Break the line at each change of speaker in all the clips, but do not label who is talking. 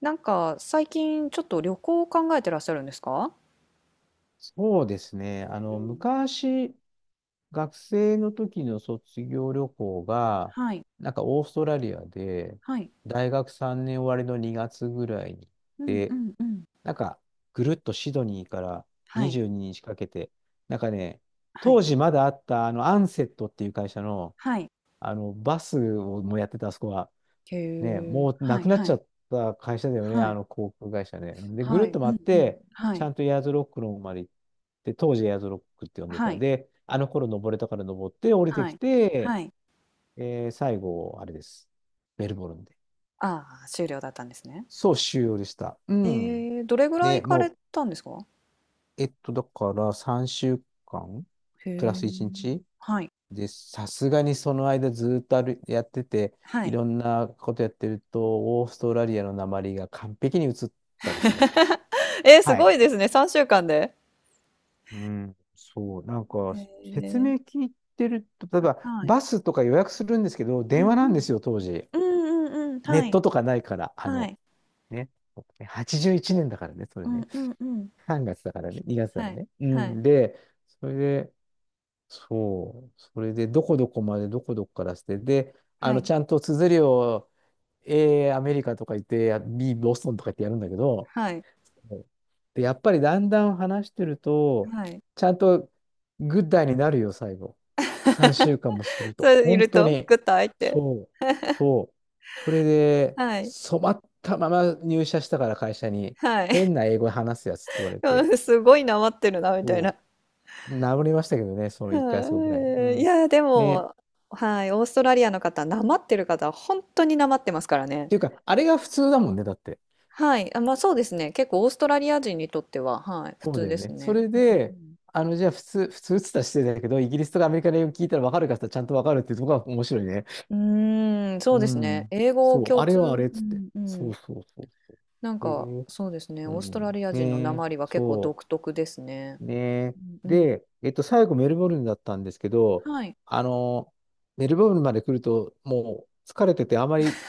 なんか最近ちょっと旅行を考えてらっしゃるんですか？
そうですね。
うん、
昔、学生の時の卒業旅行が、
はい、
オーストラリアで、
はい、
大学3年終わりの2月ぐらいに行っ
うんう
て、
んうん、
なんか、ぐるっとシドニーから
はい、
22日かけて、なんかね、
は
当
い、
時まだあった、アンセットっていう会社の、
はい、
バスをもやってた、あそこは。
へ
ね、
え。
もう
は
なく
い、
なっ
は
ちゃ
い、
った会社だよね、
は
あ
い、
の航空会社ね。で、ぐる
は
っ
い、
と
う
回っ
んうん、
て、
は
ち
い、
ゃんとエアーズロックの方まで行って、当時エアーズロックって呼んで
は
た。
い、
で、あの頃登れたから登って降りて
は
き
い、
て、
はい。
最後、あれです。メルボルンで。
ああ、終了だったんですね。
そう、終了でした。うん。
ええ、どれぐらい
ね、
行かれ
も
たんですか？
う、えっと、だから3週間
へ
プラ
え。
ス1日
はい、
で、さすがにその間ずっとあるやってて、
は
い
い。
ろんなことやってると、オーストラリアの訛りが完璧に移ったですね。
えー、す
は
ご
い。
いですね。3週間で。
うん、そう、
え
説
え、
明聞いてると、例え
あ、
ば、
はい、
バスとか予約するんですけど、
うん
電
う
話なんで
ん、
すよ、当時。
うんうんうん、
ネ
は
ット
い、
とかないから、
はい、
ね、81年だからね、それ
う
ね。
んうんうん、
3月だからね、2月だか
は
ら
い、
ね。う
はい。
ん、で、それで、そう、それで、どこどこまで、どこどこからして、で、
はい。
ちゃんと綴りを、A、アメリカとか言って、B、ボストンとか言ってやるんだけど、
はい。
そうで、やっぱりだんだん話してると、
はい。
ちゃんとグッダイになるよ、最後。3 週間もする
そ
と。
れい
本
る
当
と、
に。
グッと開いて、
そう。そう。それで、
はい。
染まったまま入社したから会社に、
はい。
変な英語話すやつって言われ
う
て、
ん、すごいなまってるなみたいな。
そう。治りましたけどね、そ の1回月ごぐらいに。う
はい。い
ん。
や、で
ね。っ
も、はい、オーストラリアの方、なまってる方は当になまってますからね。
ていうか、あれが普通だもんね、だって。
はい。あ、ま、そうですね。結構オーストラリア人にとっては、はい、普
そう
通
だよ
です
ね。そ
ね。
れ
う
で、
ん
じゃあ普通っつったら失礼だけど、イギリスとかアメリカの英語聞いたら分かるかって言ったらちゃんと分かるっていうところが面白いね。
うん。うーん、そ
う
うですね。
ん。
英語
そう、
共
あれ
通
はあれっ
う
つって。
んう
そ
ん。
うそうそうそう。へえ
そうですね、
う
オーストラ
ん。
リア
ね
人のな
え、
まりは結構
そ
独特ですね。
う。ねえ。
うんうん。
で、最後メルボルンだったんですけど、
はい。
あの、メルボルンまで来ると、もう疲れてて、あまり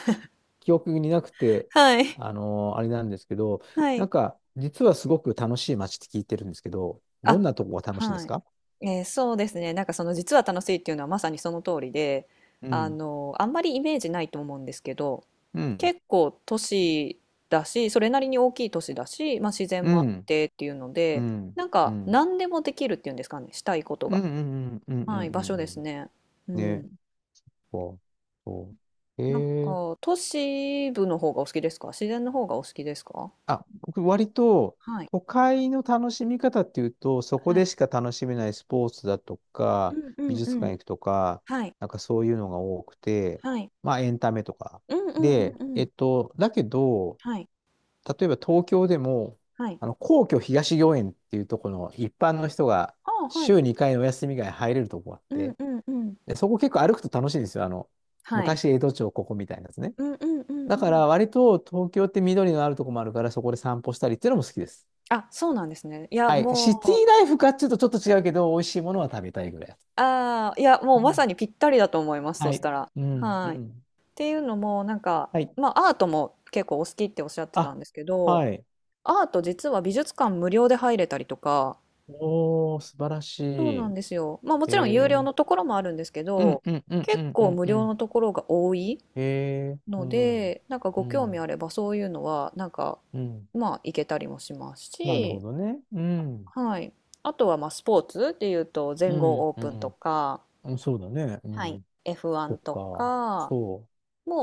記憶になくて、
はい。
あ の、あれなんですけど、
はい。
実はすごく楽しい街って聞いてるんですけど、ど
あ、
んなとこが楽しいんで
は
す
い。
か？
そうですね。なんかその実は楽しいっていうのはまさにその通りで、
う
あ
ん。
の、あんまりイメージないと思うんですけど、
うん。
結構都市だし、それなりに大きい都市だし、まあ自然
う
もあっ
ん。
てっていうの
う
で、
ん。
なん
う
か
ん。
何でもできるっていうんですかね、したいこと
う
が。
ん。うん。うん。うん。う
は
ん。
い、
う
場所で
ん。う
す
ん
ね。う
ね
ん。
こう、そう。
なん
えー、
か都市部の方がお好きですか？自然の方がお好きですか？
あ、僕割と
はい、
都会の楽しみ方っていうと、そこ
は
で
い。
しか楽しめないスポーツだと
う
か、
んう
美
ん
術
う
館
ん。
行くとか、
はい、
そういうのが多くて、
はい。
まあエンタメとか。
うんうんうん
で、
うん。
だけど、
はい。
例えば東京でも、
はい。
皇居東御苑っていうところの一般の人が
ああ、はい。
週2回のお休みが入れるとこがあっ
うん
て、
うんうん。
で、そこ結構歩くと楽しいんですよ。
はい。
昔江戸町ここみたいなやつね。
うんうんうん
だ
う
か
ん。
ら割と東京って緑のあるとこもあるからそこで散歩したりっていうのも好きです。
あ、そうなんですね。いや、
はい。シティ
もう、
ライフかっていうとちょっと違うけど、美味しいものは食べたいぐらいだと。
ああ、いや、も
う
うまさ
ん
にぴったりだと思います、そ
は
し
い。
たら。
うん。う
はい。っ
ん。
ていうのも、
はい。
まあ、アートも結構お好きっておっしゃってた
あ、
んですけど、
はい。
アート実は美術館無料で入れたりとか、
おー、素晴らし
そうなん
い。
ですよ。まあ、もちろん有
え
料
ー。
のところもあるんですけ
うん
ど、
うんうんう
結
んう
構
ん
無
う
料
ん。
のところが多い
えー。う
の
ん。
で、なんか
う
ご興味あ
ん。
ればそういうのは、
うん。
まあ、行けたりもします
なるほ
し、
どね。うん。
はい。あとはまあスポーツっていうと
う
全豪
ん。
オー
う
プンと
ん。
か、
うんそうだね。う
はい、
ん。そ
F1
っ
と
か。
か
そ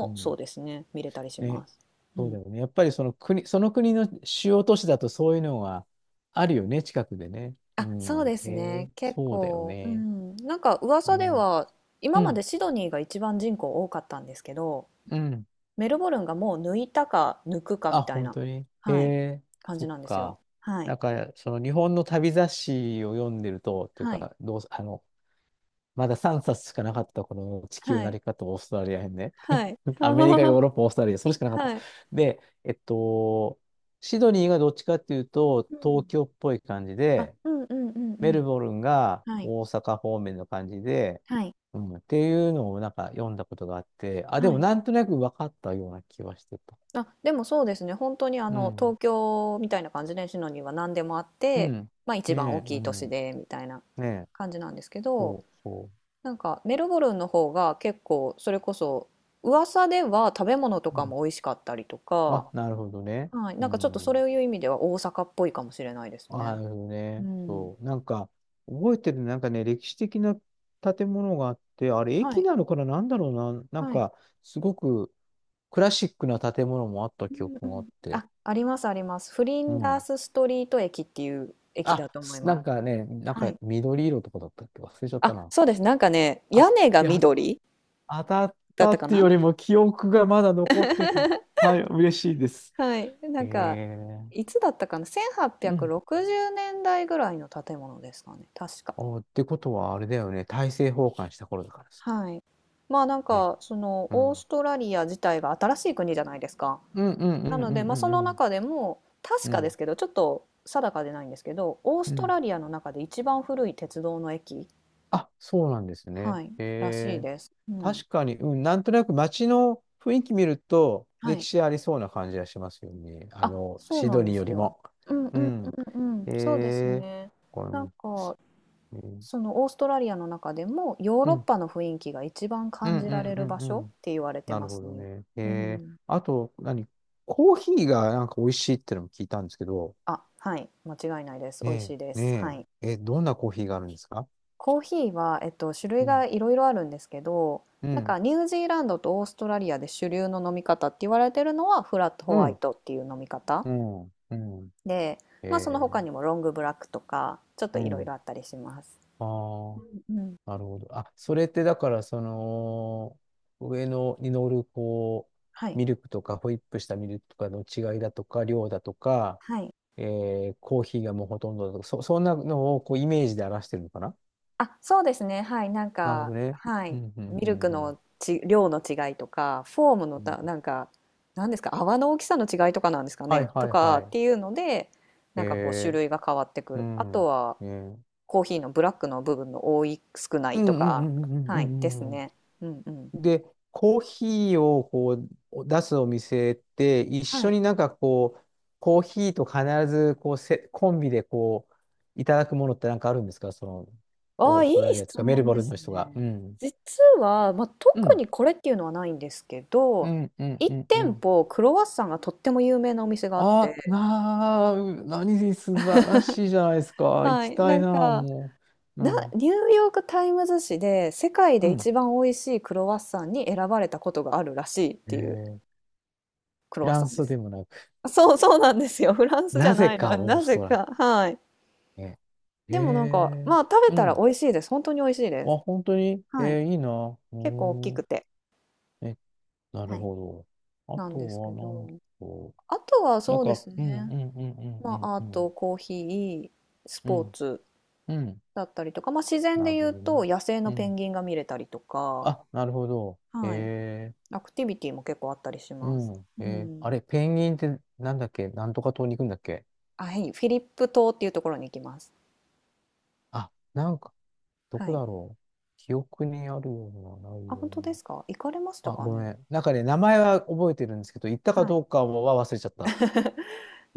う。う
そう
ん。
ですね、見れたりしま
ね、
す。う
そう
ん。
だよね。やっぱりその国、その国の主要都市だとそういうのはあるよね、近くでね。う
あ、そう
ん。
です
へえ、
ね。結
そうだよ
構、う
ね。
ん。なんか
う
噂で
ん。
は
う
今まで
ん。
シドニーが一番人口多かったんですけど、
うん。
メルボルンがもう抜いたか抜くか
あ、
みたい
本
な、
当に。へ
はい、
え、
感
そ
じ
っ
なんですよ。
か。
はい。
その日本の旅雑誌を読んでると、っていう
はい。
か、どう、あの、まだ3冊しかなかったこの地球
は
な
い。
り方、オーストラリア編ね。
はい。
アメリカ、ヨーロッ パ、オーストラリア、それしかなかった。
はい。
で、シドニーがどっちかっていうと、
う
東
ん。
京っぽい感じ
あ、
で、
うんうんうんう
メル
ん。
ボルンが
はい。
大阪方面の感じで、
はい。
うん、っていうのを読んだことがあって、あ、で
は
も
い。
なんとなく分かったような気はしてた。
あ、でもそうですね。本当にあ
う
の
ん。
東京みたいな感じでシノには何でもあっ
う
て、
ん。
まあ一
ね
番
え、
大き
う
い都
ん。
市でみたいな
ねえ、
感じなんですけど、
そうそ
なんかメルボルンの方が結構それこそ噂では食べ物と
う。う
か
ん、
も美味しかったりとか、
あ、なるほどね。
はい、
う
なんかちょっとそ
ん。
ういう意味では大阪っぽいかもしれないですね。
あ、なるほど
う
ね。
ん。
そう。覚えてる、なんかね、歴史的な建物があって、あれ、
は
駅
い、
なのかな、な、なん
はい。
か、すごくクラシックな建物もあった
う
記
んう
憶があっ
ん。
て。
あ、ありますあります。フリ
う
ンダー
ん。
スストリート駅っていう駅だと思い
な
ま
ん
す。
かね、なん
は
か
い。
緑色とかだったっけ忘れちゃった
あ、
な。
そうです。なんかね、屋
あ、
根が
や、
緑。
当たっ
だっ
た
た
っ
か
ていう
な。
よりも記憶がまだ残ってた。はい、嬉しいです。
はい。な
へ
んか、い
え。
つだったかな？
うん。
1860 年代ぐらいの建物ですかね。確か。
お、ってことはあれだよね。大政奉還した頃だからさ。
はい。まあなん
ね。
か、その、
う
オー
ん。
ストラリア自体が新しい国じゃないですか。
うんうんう
な
ん
の
う
で、
ん
ま
う
あその
んうん。
中でも、確
う
かで
ん。
すけど、ちょっと定かでないんですけど、オース
う
ト
ん。
ラリアの中で一番古い鉄道の駅、
あ、そうなんです
は
ね。
い、
へ
らしい
え。
です。うん。
確かに、うん、なんとなく街の雰囲気見ると、
は
歴
い。
史ありそうな感じがしますよね。
あ、そう
シ
な
ド
ん
ニ
で
ーよ
す
り
よ。
も。
うんうん
う
う
ん。
んうん。そうです
えー、
ね。
これ
なん
も
か、
ね、え
そ
ー
のオーストラリアの中でもヨー
う
ロッ
ん、
パの雰囲気が一番
うん、
感
う
じら
ん、
れ
う
る場
ん、
所
う
っ
ん。
て言われて
なる
ま
ほ
す
ど
ね。
ね。
う
えー、
ん。
あと、何コーヒーがなんか美味しいってのも聞いたんですけど、
あ、はい、間違いないです。美味し
ね
いで
え、
す。は
ね
い。
え、え、どんなコーヒーがあるんですか？
コーヒーは、種
う
類が
ん、
いろいろあるんですけど、
う
なん
ん、
かニュージーランドとオーストラリアで主流の飲み方って言われてるのはフラットホ
う
ワイ
ん、
トっていう飲み方
うん、うん、
で、まあその他
え
にもロングブラックとかちょっと
ー、う
いろい
ん、
ろあったりします。
あ
う
あ。
ん、うん、
なるほど。あ、それってだから、上のに乗る、こ
は
う、
い。
ミルクとか、ホイップしたミルクとかの違いだとか、量だとか、
はい。
えーコーヒーがもうほとんどだとか、そんなのをこうイメージで表してるのかな？
あ、そうですね。はい、なん
なるほ
か、
どね。
は
う
い、
ん、う
ミ
ん、う
ル
ん、
ク
うん。
のち、量の違いとか、フォームの
うん
た、なんか、なんですか、泡の大きさの違いとかなんですか
はい、
ね、
は
と
い、
か
は
っ
い。
ていうので、なんかこう種
えー、
類が変わってく
う
る。あと
ん。
は
えー
コーヒーのブラックの部分の多い、少な
う
い
ん、
と
うん、う
か、
ん、うん、う
はい、で
ん、う
す
ん。うん
ね。うんうん。
で、コーヒーをこう出すお店って一
は
緒
い。
になんかこう、コーヒーと必ずこうせコンビでこう、いただくものってなんかあるんですかその、
あ
オ
あ、
ー
い
ストラ
い
リアと
質
かメル
問
ボ
で
ルン
す
の人が。
ね。
うん。
実は、まあ、
う
特
ん。
にこれっていうのはないんですけ
う
ど、
ん、うん、う
1
ん、う
店
ん。
舗クロワッサンがとっても有名なお店があって、
あ、なあ、う何で素晴らしいじゃないですか。行
は
き
い、
た
な
い
ん
な、
か
もう。う
な、
ん。
ニューヨーク・タイムズ紙で世界
う
で
ん。
一番美味しいクロワッサンに選ばれたことがあるらしいっ
え
ていう
ー、
クロ
フ
ワッ
ラ
サ
ン
ンで
スで
す。
もなく、
そうそうなんですよ。フランスじ
な
ゃ
ぜ
ないの。
かオー
な
ス
ぜ
トラリ
か。はい。
アね。
でもなんか、
え
まあ食べ
ー、う
た
ん。
ら美味しいです。本当に美味しいで
あ、
す。
本当に
はい。
えーいいな。う
結構大き
ー
く
ん。
て。
え、な
は
る
い。
ほど。あ
なん
と
ですけ
は、なんだ
ど。
ろ
あとは
う。なん
そうで
か、
す
うん、う
ね。
ん、うん、う
ま
ん、
あアー
うん、う
ト、
ん。
コーヒー、ス
う
ポー
ん、
ツ
うん
だったりとか、まあ自然
な
で
る
言
ほ
う
どね。
と野生
う
のペ
ん。
ンギンが見れたりとか、
あ、なるほど。
はい。
え
アクティビティも結構あったりし
ー、
ます。
うん、
う
えー、
ん。
あれ、ペンギンってなんだっけなんとか島に行くんだっけ？
あ、はい、フィリップ島っていうところに行きます。
あ、なんか、ど
は
こ
い。
だろう。記憶にあるような、ない
あ、
よう
本当で
な。
すか？行かれました
あ、
か
ごめ
ね？
ん。なんかね、名前は覚えてるんですけど、行ったか
はい。
どうかは忘れちゃった。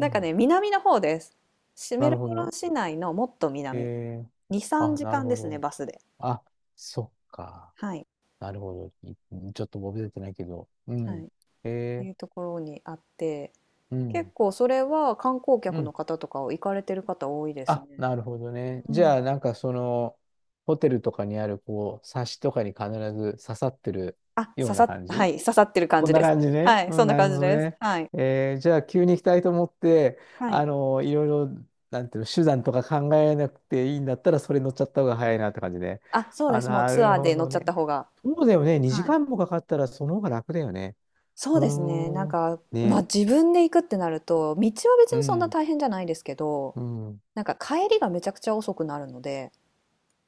う
んか
ん。
ね、南の方です。シメ
な
ル
るほ
ボルン
ど。
市内のもっと
え
南。
ー
2、3
あ、なる
時間
ほ
ですね、
ど。
バスで。
あ、そっか。
はい。
なるほど。い ちょっと覚えてないけど。う
はい。
ん。
っ
へ
て
え
いうところにあって、
ー、う
結
ん。
構それは観光
う
客の
ん。
方とかを行かれてる方多いですね。
あ、なるほどね。
う
じ
ん。
ゃあ、ホテルとかにある、こう、サッシとかに必ず刺さってる
あ、
よ
刺
う
さ
な
っ、
感
は
じ
い、刺さってる感
こん
じ
な
です
感じ
ね。
ね。
はい、
う
そ
ん、
んな
なる
感
ほ
じ
ど
です。
ね。
はい。
えーじゃあ、急に行きたいと思って、
はい。
あの、いろいろ、なんていうの、手段とか考えなくていいんだったら、それ乗っちゃった方が早いなって感じね。
あ、そうで
あ、
す。もう
な
ツア
る
ー
ほ
で乗っ
ど
ちゃった
ね。
方が。
そうだよね。2時間もかかったら、その方が楽だよね。
そ
う
うですね。なん
ーん。
か、まあ
ね。
自分で行くってなると、道は別
う
にそんな
ん。
大変じゃないですけど、
うん。
なんか帰りがめちゃくちゃ遅くなるので、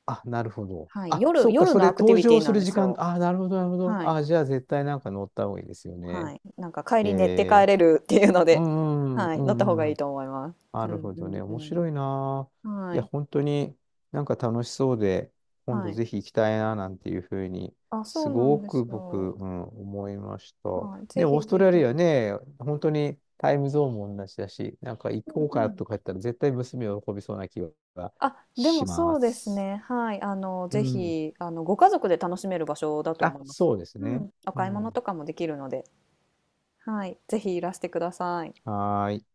あ、なるほど。
はい、
あ、
夜、
そっか、
夜
そ
の
れ
アクティ
登
ビテ
場
ィな
す
ん
る
で
時
す
間。
よ。
なるほど。
はい、
あ、じゃあ、絶対なんか乗った方がいいですよ
は
ね。
い。なんか帰り寝て
え
帰れるっていうの
ー、う
で、
ん、うん、
は
う
い、乗った
ん、
方
う
が
ん。う
いい
ん
と思います。
な
う
る
ん
ほどね。
う
面
ん
白いな。
うん。は
いや、
い、
本当に楽しそうで、今
は
度
い。
ぜひ行きたいな、なんていうふうに、
あ、そ
す
うな
ご
んです
く僕、
よ。
うん、思いました。
はい、ぜ
ね、オー
ひ
スト
ぜ
ラリア
ひ。
ね、本当にタイムゾーンも同じだし、なんか行こう
うん
か
うん。
とか言ったら絶対娘を喜びそうな気が
あ、で
し
も
ま
そうです
す。
ね。はい。あの、
う
ぜ
ん。
ひ、あの、ご家族で楽しめる場所だと思
あ、
います。
そうです
う
ね。
ん。お
う
買い物と
ん。
かもできるので、はい。ぜひいらしてください。
はーい。